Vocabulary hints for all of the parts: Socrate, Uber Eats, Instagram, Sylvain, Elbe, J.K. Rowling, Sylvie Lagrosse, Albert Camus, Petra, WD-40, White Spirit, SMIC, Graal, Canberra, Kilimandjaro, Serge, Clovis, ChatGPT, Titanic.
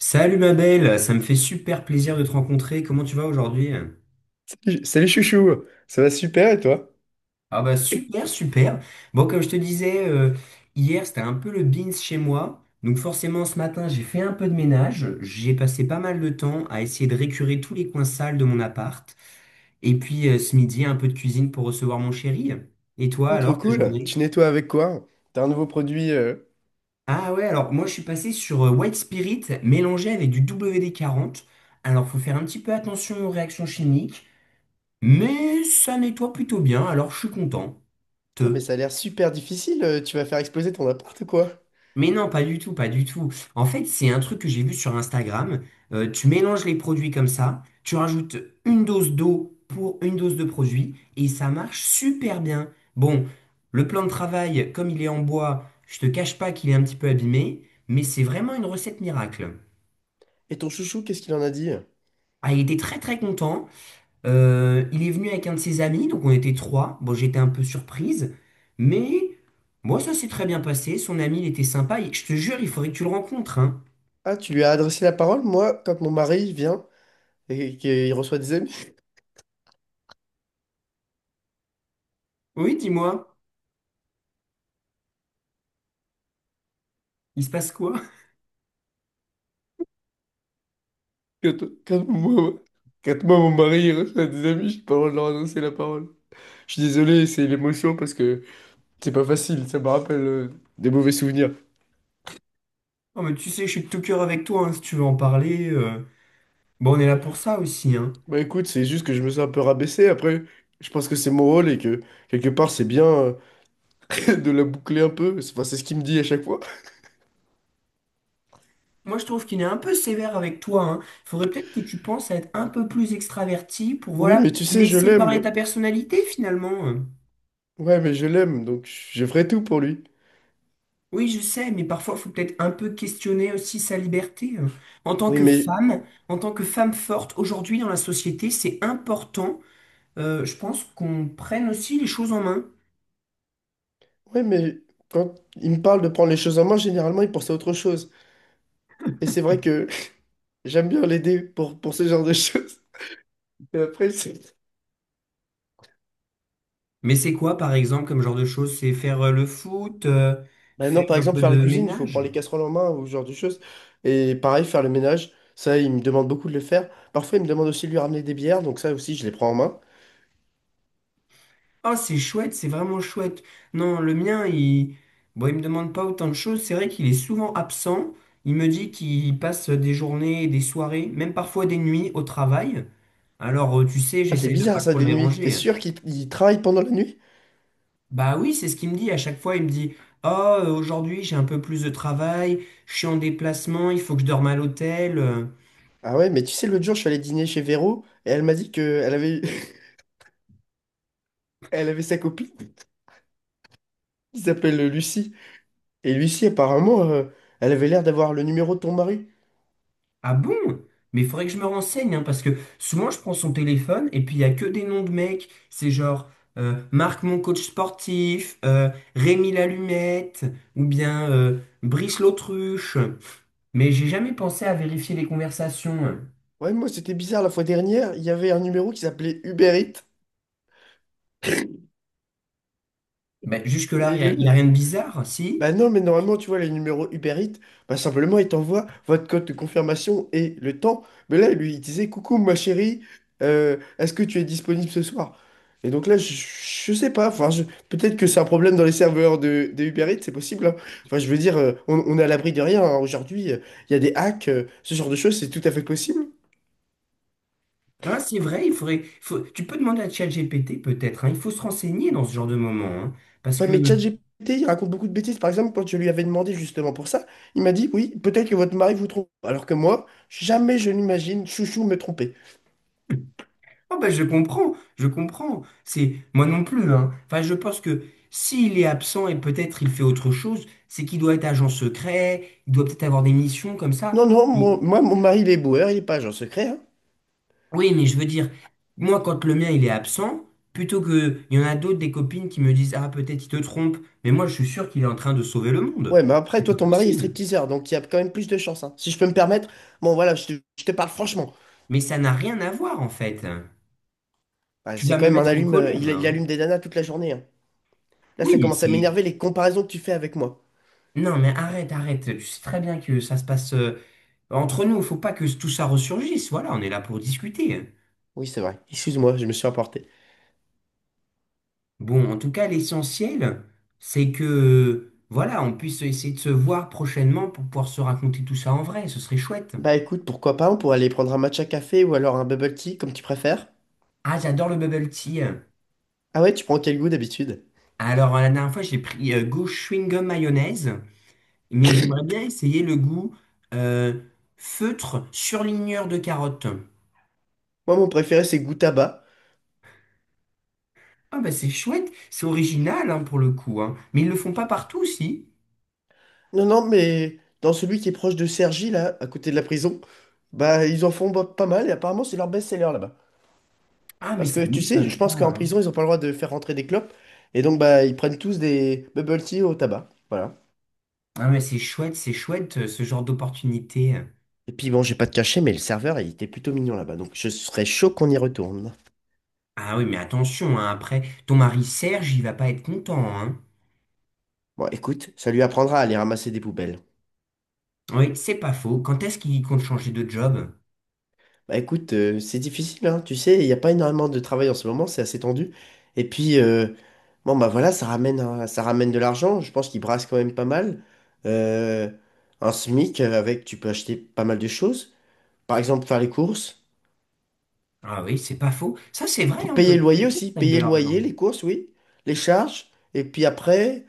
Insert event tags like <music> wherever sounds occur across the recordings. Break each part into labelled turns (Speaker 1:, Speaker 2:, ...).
Speaker 1: Salut ma belle, ça me fait super plaisir de te rencontrer. Comment tu vas aujourd'hui?
Speaker 2: Salut chouchou, ça va super et toi?
Speaker 1: Ah bah super, super. Bon, comme je te disais, hier c'était un peu le beans chez moi. Donc forcément ce matin j'ai fait un peu de ménage. J'ai passé pas mal de temps à essayer de récurer tous les coins sales de mon appart. Et puis ce midi un peu de cuisine pour recevoir mon chéri. Et toi
Speaker 2: Oh, trop
Speaker 1: alors, ta
Speaker 2: cool,
Speaker 1: journée?
Speaker 2: tu nettoies avec quoi? T'as un nouveau produit.
Speaker 1: Ah ouais, alors moi je suis passé sur White Spirit mélangé avec du WD-40. Alors faut faire un petit peu attention aux réactions chimiques. Mais ça nettoie plutôt bien, alors je suis content.
Speaker 2: Putain mais
Speaker 1: Te.
Speaker 2: ça a l'air super difficile, tu vas faire exploser ton appart ou quoi?
Speaker 1: Mais non, pas du tout, pas du tout. En fait, c'est un truc que j'ai vu sur Instagram. Tu mélanges les produits comme ça, tu rajoutes une dose d'eau pour une dose de produit et ça marche super bien. Bon, le plan de travail, comme il est en bois, je te cache pas qu'il est un petit peu abîmé, mais c'est vraiment une recette miracle.
Speaker 2: Et ton chouchou, qu'est-ce qu'il en a dit?
Speaker 1: Ah, il était très très content. Il est venu avec un de ses amis, donc on était trois. Bon, j'étais un peu surprise, mais moi, ça s'est très bien passé. Son ami, il était sympa. Et je te jure, il faudrait que tu le rencontres, hein.
Speaker 2: Ah, tu lui as adressé la parole? Moi, quand mon mari vient et qu'il reçoit des amis...
Speaker 1: Oui, dis-moi, il se passe quoi?
Speaker 2: Quand, quand moi, quand moi, mon mari il reçoit des amis, j'ai pas le droit de leur adresser la parole. Je suis désolé, c'est l'émotion parce que c'est pas facile, ça me rappelle des mauvais souvenirs.
Speaker 1: Oh, mais tu sais, je suis de tout cœur avec toi, hein, si tu veux en parler. Bon, on est là pour ça aussi, hein.
Speaker 2: Bah écoute, c'est juste que je me suis un peu rabaissé. Après, je pense que c'est mon rôle et que quelque part, c'est bien <laughs> de la boucler un peu. Enfin, c'est ce qu'il me dit à chaque fois. <laughs>
Speaker 1: Moi, je trouve qu'il est un peu sévère avec toi, hein. Il faudrait peut-être que tu penses à être un peu plus extraverti pour,
Speaker 2: Oui,
Speaker 1: voilà,
Speaker 2: mais tu sais, je
Speaker 1: laisser parler
Speaker 2: l'aime.
Speaker 1: ta personnalité, finalement. Hein.
Speaker 2: Ouais, mais je l'aime, donc je ferai tout pour lui.
Speaker 1: Oui, je sais, mais parfois, il faut peut-être un peu questionner aussi sa liberté. En tant
Speaker 2: Oui,
Speaker 1: que
Speaker 2: mais
Speaker 1: femme, en tant que femme forte, aujourd'hui dans la société, c'est important, je pense, qu'on prenne aussi les choses en main.
Speaker 2: ouais, mais quand il me parle de prendre les choses en main, généralement, il pense à autre chose. Et c'est vrai que <laughs> j'aime bien l'aider pour ce genre de <laughs> choses. Et après, c'est
Speaker 1: Mais c'est quoi, par exemple, comme genre de choses? C'est faire le foot,
Speaker 2: Bah non,
Speaker 1: faire
Speaker 2: par
Speaker 1: un
Speaker 2: exemple,
Speaker 1: peu
Speaker 2: faire la
Speaker 1: de
Speaker 2: cuisine, il faut
Speaker 1: ménage?
Speaker 2: prendre les casseroles en main ou ce genre de choses. Et pareil, faire le ménage, ça, il me demande beaucoup de le faire. Parfois, il me demande aussi de lui ramener des bières, donc ça aussi, je les prends en main.
Speaker 1: Ah, c'est chouette, c'est vraiment chouette. Non, le mien, il... Bon, il me demande pas autant de choses. C'est vrai qu'il est souvent absent. Il me dit qu'il passe des journées, des soirées, même parfois des nuits au travail. Alors, tu sais,
Speaker 2: Ah, c'est
Speaker 1: j'essaye de pas
Speaker 2: bizarre ça,
Speaker 1: trop le
Speaker 2: des nuits. T'es
Speaker 1: déranger. Hein.
Speaker 2: sûr qu'il il travaille pendant la nuit?
Speaker 1: Bah oui, c'est ce qu'il me dit. À chaque fois, il me dit, Oh, aujourd'hui, j'ai un peu plus de travail, je suis en déplacement, il faut que je dorme à l'hôtel.
Speaker 2: Ah ouais, mais tu sais, l'autre jour, je suis allé dîner chez Véro et elle m'a dit qu'elle avait... <laughs> elle avait sa copine <laughs> qui s'appelle Lucie. Et Lucie, apparemment, elle avait l'air d'avoir le numéro de ton mari.
Speaker 1: Ah bon? Mais il faudrait que je me renseigne, hein, parce que souvent je prends son téléphone et puis il n'y a que des noms de mecs. C'est genre Marc mon coach sportif, Rémi l'allumette, ou bien Brice l'autruche. Mais j'ai jamais pensé à vérifier les conversations.
Speaker 2: Ouais, moi, c'était bizarre la fois dernière, il y avait un numéro qui s'appelait Uber Eats.
Speaker 1: Ben, jusque-là,
Speaker 2: Et
Speaker 1: il n'y a, y a
Speaker 2: le,
Speaker 1: rien de bizarre,
Speaker 2: Bah
Speaker 1: si?
Speaker 2: non, mais normalement, tu vois, les numéros Uber Eats, bah simplement, il t'envoie votre code de confirmation et le temps. Mais là, lui, il disait, coucou, ma chérie, est-ce que tu es disponible ce soir? Et donc là, je sais pas. Peut-être que c'est un problème dans les serveurs de Uber Eats, c'est possible, hein. Enfin, je veux dire, on est à l'abri de rien, hein. Aujourd'hui, il y a des hacks, ce genre de choses, c'est tout à fait possible.
Speaker 1: Ah, c'est vrai, tu peux demander à ChatGPT peut-être, hein, il faut se renseigner dans ce genre de moment, parce
Speaker 2: Ouais,
Speaker 1: que
Speaker 2: mais ChatGPT, il raconte beaucoup de bêtises. Par exemple, quand je lui avais demandé justement pour ça, il m'a dit, oui, peut-être que votre mari vous trompe. Alors que moi, jamais je n'imagine Chouchou me tromper.
Speaker 1: Ah bah je comprends, je comprends. C'est moi non plus, hein. Enfin, je pense que s'il est absent et peut-être il fait autre chose, c'est qu'il doit être agent secret, il doit peut-être avoir des missions comme ça.
Speaker 2: Non, non,
Speaker 1: Et-
Speaker 2: moi, mon mari, il est boueur, il est pas agent secret, hein.
Speaker 1: Oui, mais je veux dire, moi quand le mien il est absent, plutôt que il y en a d'autres des copines qui me disent ah peut-être il te trompe, mais moi je suis sûr qu'il est en train de sauver le monde.
Speaker 2: Ouais, mais après,
Speaker 1: C'est
Speaker 2: toi,
Speaker 1: pas
Speaker 2: ton mari est
Speaker 1: possible.
Speaker 2: stripteaseur, donc il y a quand même plus de chance, hein. Si je peux me permettre, bon, voilà, je te parle franchement.
Speaker 1: Mais ça n'a rien à voir en fait.
Speaker 2: Bah,
Speaker 1: Tu
Speaker 2: c'est
Speaker 1: vas
Speaker 2: quand
Speaker 1: me
Speaker 2: même un
Speaker 1: mettre en
Speaker 2: allume,
Speaker 1: colère là.
Speaker 2: il
Speaker 1: Hein.
Speaker 2: allume des nanas toute la journée, hein. Là,
Speaker 1: Oui,
Speaker 2: ça
Speaker 1: mais
Speaker 2: commence à
Speaker 1: c'est
Speaker 2: m'énerver les comparaisons que tu fais avec moi.
Speaker 1: Non, mais arrête. Tu sais très bien que ça se passe. Entre nous, il faut pas que tout ça ressurgisse. Voilà, on est là pour discuter.
Speaker 2: Oui, c'est vrai. Excuse-moi, je me suis emporté.
Speaker 1: Bon, en tout cas, l'essentiel, c'est que, voilà, on puisse essayer de se voir prochainement pour pouvoir se raconter tout ça en vrai. Ce serait chouette.
Speaker 2: Bah écoute, pourquoi pas, on pourrait aller prendre un matcha café ou alors un bubble tea, comme tu préfères.
Speaker 1: Ah, j'adore le bubble tea.
Speaker 2: Ah ouais, tu prends quel goût d'habitude?
Speaker 1: Alors, la dernière fois, j'ai pris goût chewing-gum mayonnaise, mais j'aimerais bien essayer le goût euh, feutre surligneur de carotte.
Speaker 2: Moi, mon préféré, c'est goût tabac.
Speaker 1: Ah, bah, c'est chouette. C'est original, hein, pour le coup, hein. Mais ils le font pas partout, si.
Speaker 2: Non, non, mais dans celui qui est proche de Cergy, là, à côté de la prison, bah ils en font pas mal et apparemment c'est leur best-seller là-bas.
Speaker 1: Ah, mais
Speaker 2: Parce
Speaker 1: ça
Speaker 2: que tu sais, je
Speaker 1: m'étonne pas,
Speaker 2: pense qu'en
Speaker 1: hein.
Speaker 2: prison, ils ont pas le droit de faire rentrer des clopes. Et donc bah ils prennent tous des bubble tea au tabac. Voilà.
Speaker 1: Ah mais c'est chouette ce genre d'opportunité.
Speaker 2: Et puis bon, j'ai pas de cachet, mais le serveur, il était plutôt mignon là-bas. Donc je serais chaud qu'on y retourne.
Speaker 1: Ah oui, mais attention, hein, après, ton mari Serge, il va pas être content, hein.
Speaker 2: Bon, écoute, ça lui apprendra à aller ramasser des poubelles.
Speaker 1: Oui, c'est pas faux. Quand est-ce qu'il compte changer de job?
Speaker 2: Bah écoute, c'est difficile, hein, tu sais, il n'y a pas énormément de travail en ce moment, c'est assez tendu. Et puis, bon bah voilà, ça ramène de l'argent, je pense qu'ils brassent quand même pas mal. Euh, un SMIC avec, tu peux acheter pas mal de choses, par exemple faire les courses,
Speaker 1: Ah oui, c'est pas faux. Ça, c'est vrai, hein, on peut
Speaker 2: Payer le
Speaker 1: faire des
Speaker 2: loyer
Speaker 1: courses
Speaker 2: aussi,
Speaker 1: avec de
Speaker 2: payer le loyer,
Speaker 1: l'argent.
Speaker 2: les courses, oui, les charges, et puis après,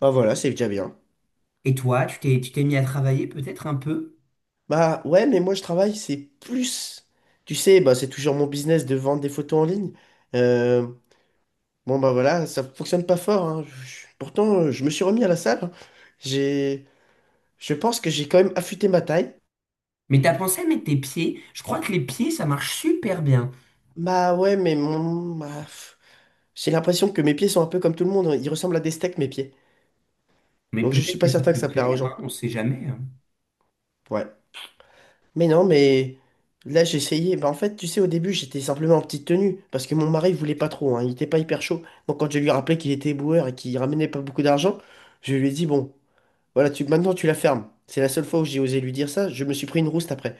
Speaker 2: bah voilà, c'est déjà bien.
Speaker 1: Et toi, tu t'es mis à travailler peut-être un peu?
Speaker 2: Bah ouais, mais moi je travaille, c'est plus, tu sais, bah c'est toujours mon business de vendre des photos en ligne. Euh, Bon bah voilà, ça fonctionne pas fort, hein. Pourtant, je me suis remis à la salle, hein. J'ai, je pense que j'ai quand même affûté ma taille.
Speaker 1: Mais t'as pensé à mettre tes pieds? Je crois que les pieds, ça marche super bien.
Speaker 2: Bah ouais, mais j'ai l'impression que mes pieds sont un peu comme tout le monde, hein. Ils ressemblent à des steaks mes pieds.
Speaker 1: Mais
Speaker 2: Donc je suis
Speaker 1: peut-être
Speaker 2: pas
Speaker 1: que ça
Speaker 2: certain que
Speaker 1: peut
Speaker 2: ça
Speaker 1: te
Speaker 2: plaira aux
Speaker 1: plaire, hein,
Speaker 2: gens.
Speaker 1: on sait jamais. Hein.
Speaker 2: Ouais. Mais non, mais Là j'ai essayé. Bah en fait, tu sais, au début j'étais simplement en petite tenue parce que mon mari voulait pas trop, hein. Il était pas hyper chaud. Donc quand je lui rappelais qu'il était boueur et qu'il ramenait pas beaucoup d'argent, je lui ai dit bon, voilà, maintenant tu la fermes. C'est la seule fois où j'ai osé lui dire ça. Je me suis pris une rouste après.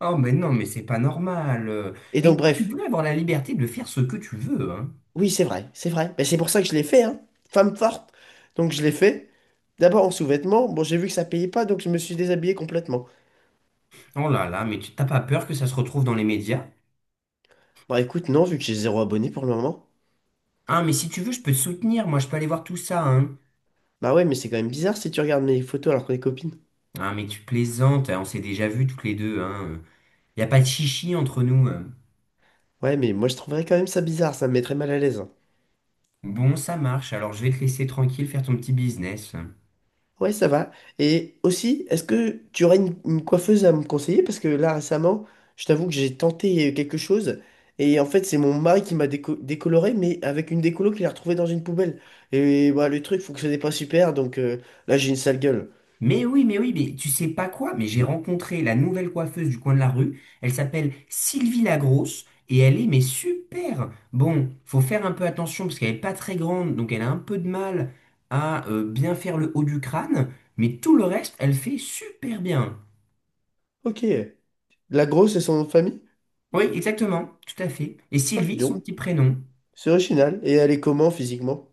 Speaker 1: Oh mais non, mais c'est pas normal.
Speaker 2: Et donc,
Speaker 1: Et tu
Speaker 2: bref,
Speaker 1: peux avoir la liberté de faire ce que tu veux, hein.
Speaker 2: oui, c'est vrai, c'est vrai. Mais c'est pour ça que je l'ai fait, hein. Femme forte. Donc, je l'ai fait. D'abord en sous-vêtements. Bon, j'ai vu que ça payait pas, donc je me suis déshabillé complètement.
Speaker 1: Oh là là, mais tu t'as pas peur que ça se retrouve dans les médias?
Speaker 2: Bah, écoute, non, vu que j'ai zéro abonné pour le moment.
Speaker 1: Ah, mais si tu veux, je peux te soutenir, moi je peux aller voir tout ça, hein.
Speaker 2: Bah, ouais, mais c'est quand même bizarre si tu regardes mes photos alors qu'on est copines.
Speaker 1: Ah, mais tu plaisantes, hein. On s'est déjà vus toutes les deux, hein. Y a pas de chichi entre nous. Hein.
Speaker 2: Ouais, mais moi, je trouverais quand même ça bizarre, ça me mettrait mal à l'aise, hein.
Speaker 1: Bon, ça marche, alors je vais te laisser tranquille faire ton petit business.
Speaker 2: Ouais, ça va. Et aussi, est-ce que tu aurais une coiffeuse à me conseiller? Parce que là, récemment, je t'avoue que j'ai tenté quelque chose. Et en fait, c'est mon mari qui m'a décoloré, mais avec une décolo qu'il a retrouvée dans une poubelle. Et bah, le truc fonctionnait pas super, donc là, j'ai une sale gueule.
Speaker 1: Mais oui, mais oui, mais tu sais pas quoi, mais j'ai rencontré la nouvelle coiffeuse du coin de la rue. Elle s'appelle Sylvie Lagrosse et elle est mais super. Bon, faut faire un peu attention parce qu'elle est pas très grande, donc elle a un peu de mal à bien faire le haut du crâne, mais tout le reste, elle fait super bien.
Speaker 2: Ok. La grosse et son nom de famille?
Speaker 1: Oui, exactement, tout à fait. Et
Speaker 2: Oh, dis
Speaker 1: Sylvie,
Speaker 2: donc.
Speaker 1: son petit prénom.
Speaker 2: C'est original. Et elle est comment physiquement?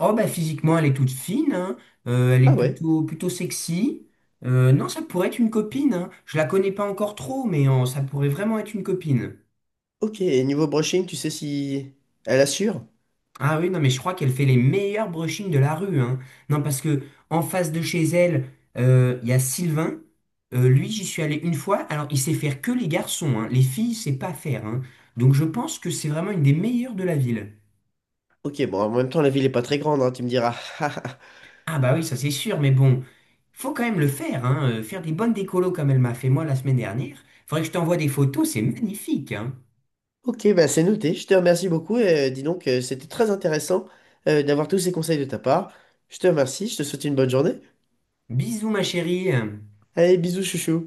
Speaker 1: Oh bah physiquement, elle est toute fine, hein, elle est
Speaker 2: Ah ouais.
Speaker 1: plutôt sexy. Non, ça pourrait être une copine. Hein. Je la connais pas encore trop, mais ça pourrait vraiment être une copine.
Speaker 2: Ok. Et niveau brushing, tu sais si elle assure?
Speaker 1: Ah oui, non, mais je crois qu'elle fait les meilleurs brushings de la rue, hein. Non, parce que en face de chez elle, il y a Sylvain. Lui, j'y suis allé une fois. Alors, il sait faire que les garçons, hein. Les filles, c'est pas faire, hein. Donc, je pense que c'est vraiment une des meilleures de la ville.
Speaker 2: Ok, bon, en même temps, la ville est pas très grande, hein, tu me diras. <laughs>
Speaker 1: Ah bah oui, ça c'est sûr, mais bon, faut quand même le faire, hein. Faire des bonnes décolos comme elle m'a fait moi la semaine dernière. Faudrait que je t'envoie des photos, c'est magnifique, hein.
Speaker 2: Ok, bah c'est noté. Je te remercie beaucoup. Et, dis donc, c'était très intéressant d'avoir tous ces conseils de ta part. Je te remercie. Je te souhaite une bonne journée.
Speaker 1: Bisous, ma chérie.
Speaker 2: Allez, bisous, chouchou.